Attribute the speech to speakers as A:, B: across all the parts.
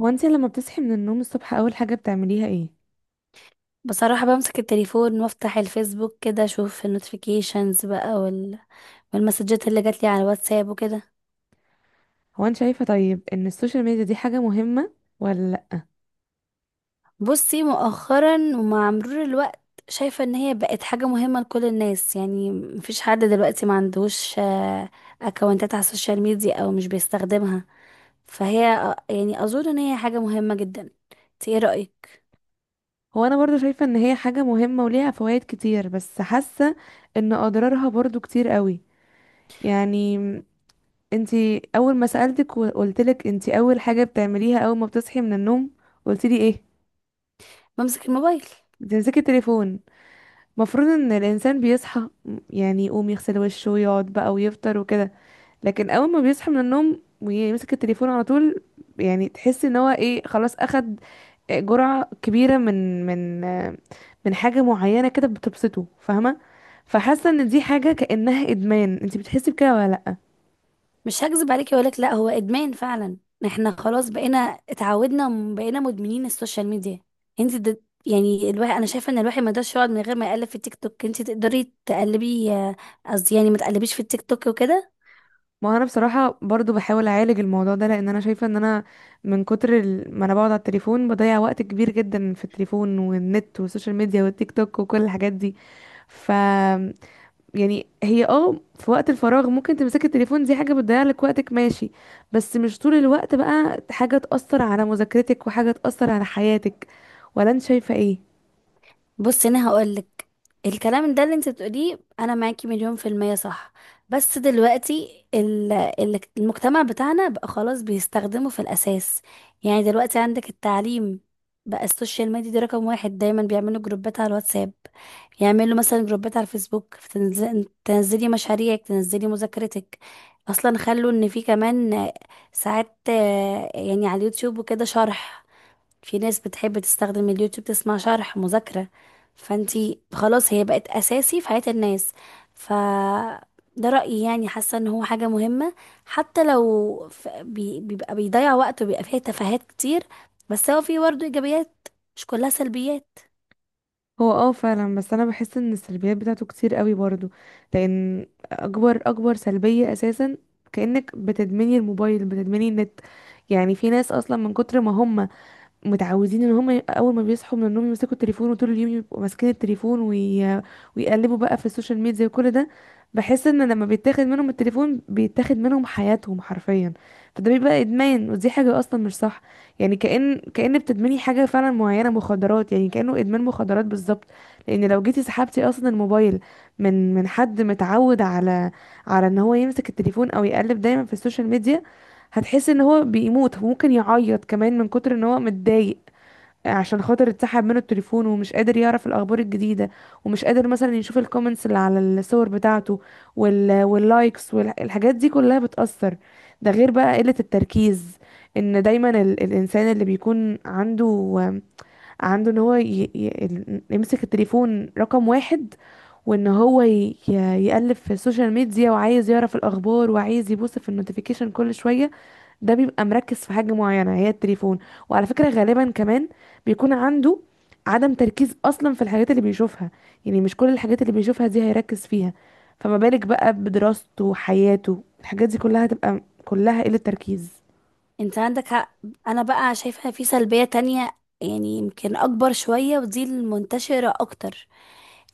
A: هو انت لما بتصحي من النوم الصبح اول حاجة بتعمليها ايه؟
B: بصراحة بمسك التليفون وافتح الفيسبوك كده، اشوف النوتيفيكيشنز بقى والمسجات اللي جاتلي على الواتساب وكده.
A: هو انت شايفة طيب ان السوشيال ميديا دي حاجة مهمة ولا لأ؟
B: بصي، مؤخرا ومع مرور الوقت شايفة ان هي بقت حاجة مهمة لكل الناس، يعني مفيش حد دلوقتي ما عندوش اكونتات على السوشيال ميديا او مش بيستخدمها. فهي يعني اظن ان هي حاجة مهمة جدا. انت ايه رأيك؟
A: هو انا برضو شايفة ان هي حاجة مهمة وليها فوائد كتير، بس حاسة ان اضرارها برضو كتير قوي. يعني انت اول ما سألتك وقلتلك انت اول حاجة بتعمليها اول ما بتصحي من النوم قلتلي ايه؟
B: بمسك الموبايل.
A: بتمسكي التليفون. مفروض ان الانسان بيصحى، يعني يقوم يغسل وشه ويقعد بقى ويفطر وكده، لكن اول ما بيصحى من النوم ويمسك التليفون على طول، يعني تحس ان هو ايه، خلاص اخد جرعة كبيرة من من حاجة معينة كده بتبسطه، فاهمة؟ فحاسة ان دي حاجة كأنها ادمان. انت بتحسي بكده ولا لا؟
B: مش هكذب عليكي واقول لك لا، هو ادمان فعلا. احنا خلاص بقينا، اتعودنا بقينا مدمنين السوشيال ميديا. يعني الواحد، انا شايفه ان الواحد ما يقدرش يقعد من غير ما يقلب في التيك توك، انت تقدري تقلبي قصدي يعني ما تقلبيش في التيك توك وكده.
A: ما انا بصراحة برضو بحاول اعالج الموضوع ده، لان انا شايفة ان انا من كتر ما انا بقعد على التليفون بضيع وقت كبير جدا في التليفون والنت والسوشيال ميديا والتيك توك وكل الحاجات دي. ف يعني هي اه في وقت الفراغ ممكن تمسكي التليفون، دي حاجة بتضيع لك وقتك، ماشي، بس مش طول الوقت بقى، حاجة تأثر على مذاكرتك وحاجة تأثر على حياتك. ولا انت شايفة ايه؟
B: بصي انا هقولك، الكلام ده اللي انت بتقوليه انا معاكي مليون في المية صح، بس دلوقتي المجتمع بتاعنا بقى خلاص بيستخدمه في الاساس. يعني دلوقتي عندك التعليم، بقى السوشيال ميديا دي رقم واحد، دايما بيعملوا جروبات على الواتساب، يعملوا مثلا جروبات على الفيسبوك، تنزلي مشاريعك تنزلي مذاكرتك. اصلا خلوا ان في كمان ساعات يعني على اليوتيوب وكده شرح، في ناس بتحب تستخدم اليوتيوب تسمع شرح مذاكرة. فانتي خلاص هي بقت أساسي في حياة الناس. ف ده رأيي، يعني حاسة ان هو حاجة مهمة حتى لو بيبقى بيضيع وقت وبيبقى فيها تفاهات كتير، بس هو فيه برضه إيجابيات، مش كلها سلبيات.
A: هو اه فعلا، بس انا بحس ان السلبيات بتاعته كتير قوي برضو، لان اكبر سلبية اساسا كأنك بتدمني الموبايل، بتدمني النت. يعني في ناس اصلا من كتر ما هم متعودين ان هم اول ما بيصحوا من النوم يمسكوا التليفون، وطول اليوم يبقوا ماسكين التليفون، ويقلبوا بقى في السوشيال ميديا وكل ده. بحس ان لما بيتاخد منهم التليفون بيتاخد منهم حياتهم حرفيا، فده بيبقى ادمان ودي حاجة اصلا مش صح. يعني كأن بتدمني حاجة فعلا معينة، مخدرات يعني، كأنه ادمان مخدرات بالظبط. لان لو جيتي سحبتي اصلا الموبايل من حد متعود على على ان هو يمسك التليفون او يقلب دايما في السوشيال ميديا، هتحس ان هو بيموت، ممكن يعيط كمان من كتر ان هو متضايق عشان خاطر اتسحب منه التليفون، ومش قادر يعرف الاخبار الجديدة، ومش قادر مثلا يشوف الكومنتس اللي على الصور بتاعته، واللايكس والحاجات دي كلها بتأثر. ده غير بقى قلة التركيز، ان دايما الانسان اللي بيكون عنده عنده ان هو يمسك التليفون رقم 1، وان هو يقلب في السوشيال ميديا وعايز يعرف الاخبار وعايز يبص في النوتيفيكيشن كل شوية، ده بيبقى مركز في حاجة معينة هي التليفون. وعلى فكرة غالبا كمان بيكون عنده عدم تركيز أصلا في الحاجات اللي بيشوفها، يعني مش كل الحاجات اللي بيشوفها دي هيركز فيها. فما بالك بقى بدراسته وحياته، الحاجات دي كلها هتبقى كلها قلة تركيز.
B: انت عندك حق. انا بقى شايفة في سلبية تانية، يعني يمكن اكبر شوية ودي المنتشرة اكتر،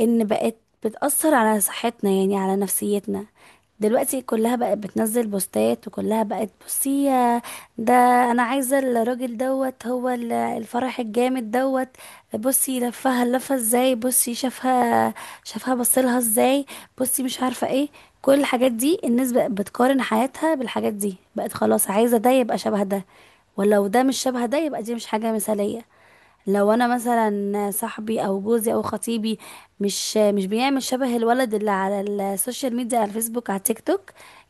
B: ان بقت بتأثر على صحتنا، يعني على نفسيتنا. دلوقتي كلها بقت بتنزل بوستات، وكلها بقت بصي يا ده، انا عايزة الراجل دوت، هو الفرح الجامد دوت، بصي لفها لفها ازاي، بصي شافها شافها بصلها ازاي، بصي مش عارفة ايه. كل الحاجات دي الناس بقت بتقارن حياتها بالحاجات دي، بقت خلاص عايزة ده يبقى شبه ده، ولو ده مش شبه ده يبقى دي مش حاجة مثالية. لو انا مثلا صاحبي او جوزي او خطيبي مش بيعمل شبه الولد اللي على السوشيال ميديا، على الفيسبوك، على التيك توك،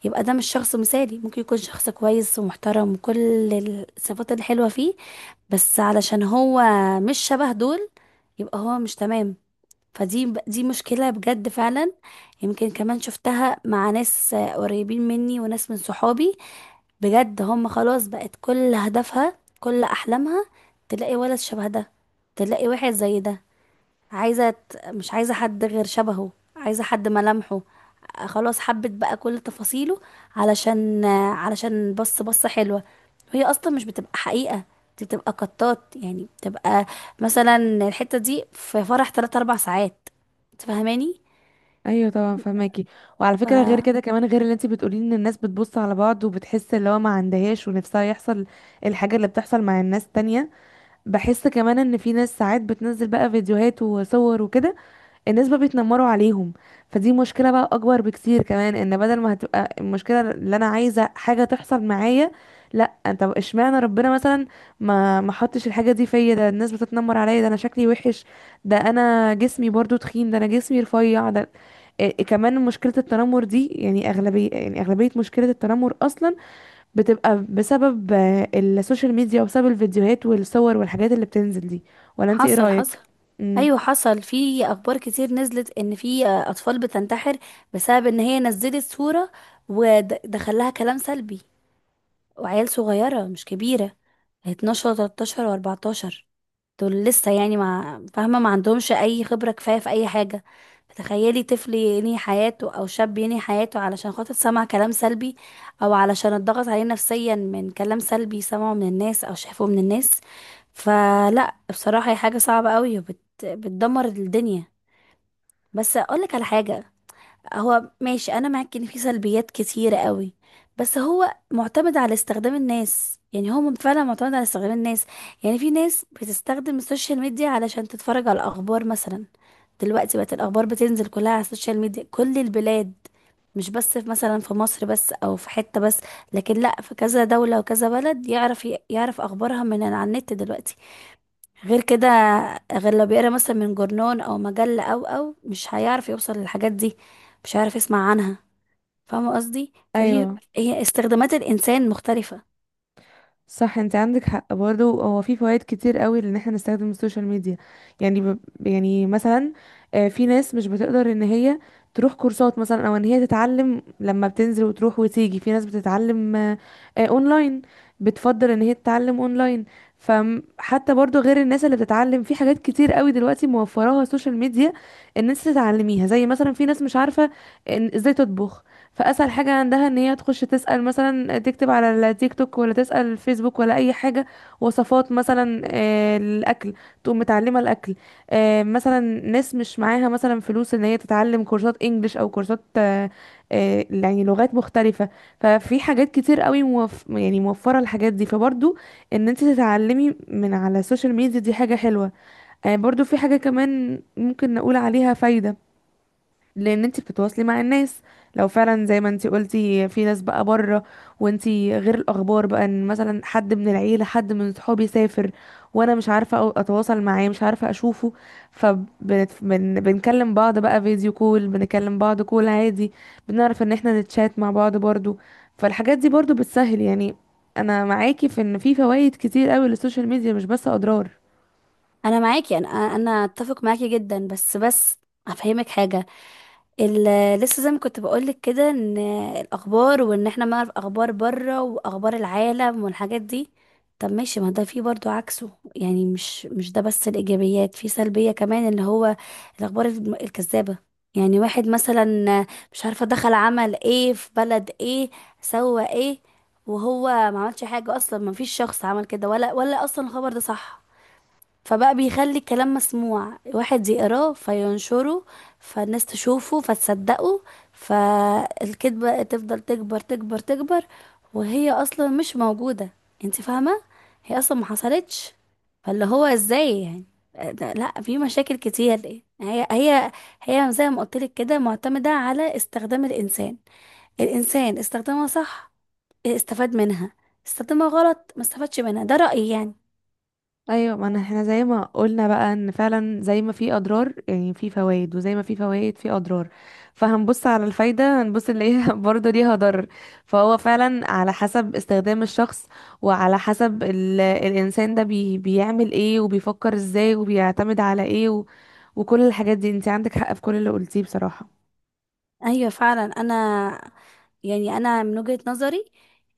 B: يبقى ده مش شخص مثالي، ممكن يكون شخص كويس ومحترم وكل الصفات الحلوة فيه، بس علشان هو مش شبه دول، يبقى هو مش تمام. فدي مشكلة بجد فعلا. يمكن كمان شفتها مع ناس قريبين مني وناس من صحابي، بجد هم خلاص بقت كل هدفها كل احلامها تلاقي ولد شبه ده، تلاقي واحد زي ده، مش عايزه حد غير شبهه، عايزه حد ملامحه خلاص حبت بقى كل تفاصيله، علشان بص بصه حلوه، وهي اصلا مش بتبقى حقيقه، دي بتبقى قطات، يعني بتبقى مثلا الحته دي في فرح 3 4 ساعات. تفهماني؟
A: ايوه طبعا فهماكي. وعلى فكره غير كده كمان، غير اللي انت بتقولي ان الناس بتبص على بعض وبتحس اللي هو ما عندهاش ونفسها يحصل الحاجه اللي بتحصل مع الناس تانية، بحس كمان ان في ناس ساعات بتنزل بقى فيديوهات وصور وكده الناس بقى بيتنمروا عليهم. فدي مشكلة بقى أكبر بكتير كمان، إن بدل ما هتبقى المشكلة اللي أنا عايزة حاجة تحصل معايا، لأ، طب اشمعنى ربنا مثلا ما حطش الحاجة دي فيا، ده الناس بتتنمر عليا، ده أنا شكلي وحش، ده أنا جسمي برضو تخين، ده أنا جسمي رفيع، ده إيه كمان. مشكلة التنمر دي يعني أغلبية، يعني أغلبية مشكلة التنمر أصلا بتبقى بسبب السوشيال ميديا، وبسبب الفيديوهات والصور والحاجات اللي بتنزل دي. ولا أنت إيه
B: فحصل.
A: رأيك؟ امم
B: ايوه حصل في اخبار كتير نزلت ان في اطفال بتنتحر بسبب ان هي نزلت صورة ودخل لها كلام سلبي، وعيال صغيرة مش كبيرة، 12 و13 و14، دول لسه يعني ما فاهمة، ما عندهمش أي خبرة كفاية في أي حاجة. فتخيلي طفل ينهي حياته أو شاب ينهي حياته علشان خاطر سمع كلام سلبي، أو علشان اتضغط عليه نفسيا من كلام سلبي سمعه من الناس أو شافه من الناس. فلا، بصراحة هي حاجة صعبة قوي بتدمر الدنيا. بس أقولك على حاجة، هو ماشي انا معاك ان في سلبيات كتيرة قوي، بس هو معتمد على استخدام الناس، يعني هو فعلا معتمد على استخدام الناس. يعني في ناس بتستخدم السوشيال ميديا علشان تتفرج على الاخبار مثلا. دلوقتي بقت الاخبار بتنزل كلها على السوشيال ميديا، كل البلاد، مش بس في مثلا في مصر بس او في حتة بس، لكن لا في كذا دولة وكذا بلد يعرف اخبارها من على النت دلوقتي. غير كده، غير لو بيقرا مثلا من جورنان او مجله او مش هيعرف يوصل للحاجات دي، مش هيعرف يسمع عنها. فاهمه قصدي؟
A: أيوه
B: هي استخدامات الانسان مختلفه.
A: صح، انت عندك حق برضه، هو في فوائد كتير قوي لان احنا نستخدم السوشيال ميديا. يعني مثلا في ناس مش بتقدر ان هي تروح كورسات مثلا، او ان هي تتعلم لما بتنزل وتروح وتيجي. في ناس بتتعلم اونلاين، بتفضل ان هي تتعلم اونلاين. فحتى برضه غير الناس اللي بتتعلم، في حاجات كتير قوي دلوقتي موفراها السوشيال ميديا ان انت تتعلميها، زي مثلا في ناس مش عارفة ان ازاي تطبخ، فاسهل حاجه عندها ان هي تخش تسال مثلا، تكتب على التيك توك ولا تسال الفيسبوك ولا اي حاجه وصفات مثلا الاكل، تقوم متعلمه الاكل. مثلا ناس مش معاها مثلا فلوس ان هي تتعلم كورسات انجليش، او كورسات يعني لغات مختلفه. ففي حاجات كتير قوي يعني موفره الحاجات دي، فبرضو ان انت تتعلمي من على السوشيال ميديا دي حاجه حلوه. برضو في حاجه كمان ممكن نقول عليها فايده، لان انت بتتواصلي مع الناس. لو فعلا زي ما انت قلتي في ناس بقى بره، وانت غير الاخبار بقى، ان مثلا حد من العيله، حد من صحابي سافر وانا مش عارفه اتواصل معاه، مش عارفه اشوفه، فبنكلم بعض بقى فيديو كول، بنكلم بعض كول عادي، بنعرف ان احنا نتشات مع بعض برضو. فالحاجات دي برضو بتسهل يعني. انا معاكي في ان في فوائد كتير قوي للسوشيال ميديا، مش بس اضرار.
B: انا معاكي، انا اتفق معاكي جدا، بس هفهمك حاجه. لسه زي ما كنت بقولك كده، ان الاخبار وان احنا نعرف اخبار بره واخبار العالم والحاجات دي، طب ماشي، ما ده فيه برضو عكسه، يعني مش ده بس الايجابيات، في سلبية كمان اللي هو الاخبار الكذابة، يعني واحد مثلا مش عارفة دخل عمل ايه في بلد ايه، سوى ايه، وهو ما عملش حاجة اصلا، ما فيش شخص عمل كده، ولا اصلا الخبر ده صح، فبقى بيخلي الكلام مسموع، واحد يقراه فينشره، فالناس تشوفه فتصدقه، فالكذبة تفضل تكبر تكبر تكبر، وهي اصلا مش موجودة، انت فاهمة؟ هي اصلا ما حصلتش. فاللي هو ازاي يعني لا، في مشاكل كتير، هي زي ما قلت لك كده، معتمدة على استخدام الانسان. الانسان استخدمها صح استفاد منها، استخدمها غلط ما استفادش منها. ده رأيي يعني.
A: ايوه، ما أنا- احنا زي ما قلنا بقى ان فعلا زي ما في اضرار يعني في فوائد، وزي ما في فوائد في اضرار، فهنبص على الفايده هنبص نلاقيها برضه ليها ضرر. فهو فعلا على حسب استخدام الشخص، وعلى حسب الانسان ده بيعمل ايه وبيفكر ازاي وبيعتمد على ايه وكل الحاجات دي. انت عندك حق في كل اللي قلتيه بصراحه.
B: ايوه فعلا، يعني انا من وجهة نظري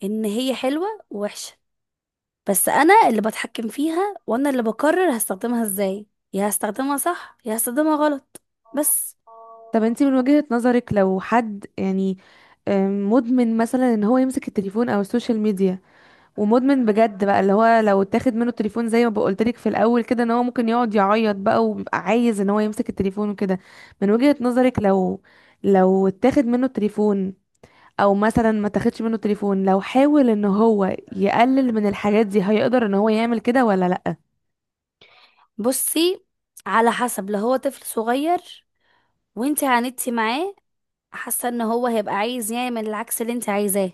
B: ان هي حلوة ووحشة، بس انا اللي بتحكم فيها وانا اللي بقرر هستخدمها ازاي، يا هستخدمها صح يا هستخدمها غلط. بس.
A: طب انت من وجهه نظرك لو حد يعني مدمن مثلا ان هو يمسك التليفون او السوشيال ميديا، ومدمن بجد بقى، اللي هو لو اتاخد منه التليفون زي ما بقولت لك في الاول كده، ان هو ممكن يقعد يعيط بقى وبيبقى عايز ان هو يمسك التليفون وكده. من وجهة نظرك لو اتاخد منه التليفون، او مثلا ما تاخدش منه التليفون، لو حاول ان هو يقلل من الحاجات دي، هيقدر ان هو يعمل كده ولا لا؟
B: بصي، على حسب، لو هو طفل صغير وانت عاندتي معاه، حاسه ان هو هيبقى عايز يعمل العكس اللي انت عايزاه.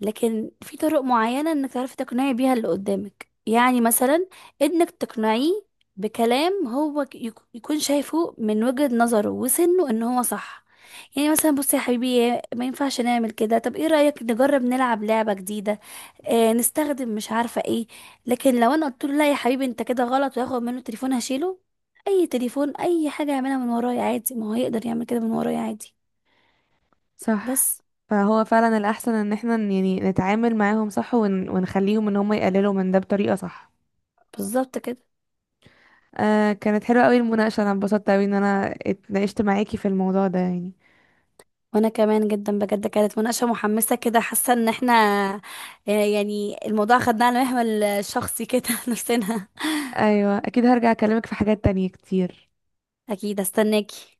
B: لكن في طرق معينة انك تعرفي تقنعي بيها اللي قدامك، يعني مثلا انك تقنعيه بكلام هو يكون شايفه من وجهة نظره وسنه ان هو صح. يعني مثلا بصي يا حبيبي، ما ينفعش نعمل كده، طب ايه رأيك نجرب نلعب لعبة جديدة نستخدم مش عارفة ايه. لكن لو انا قلت له لا يا حبيبي انت كده غلط، وياخد منه تليفون هشيله، اي تليفون اي حاجة يعملها من ورايا عادي، ما هو يقدر يعمل كده من ورايا عادي.
A: صح.
B: بس.
A: فهو فعلا الاحسن ان احنا يعني نتعامل معاهم صح ونخليهم ان هم يقللوا من ده بطريقة صح.
B: بالظبط كده.
A: آه، كانت حلوة قوي المناقشة، انا اتبسطت قوي ان انا اتناقشت معاكي في الموضوع ده يعني.
B: وانا كمان جدا، بجد كانت مناقشة محمسة كده، حاسة ان احنا يعني الموضوع خدناه على محمل شخصي كده نفسنا.
A: ايوه اكيد، هرجع اكلمك في حاجات تانية كتير.
B: اكيد استناكي.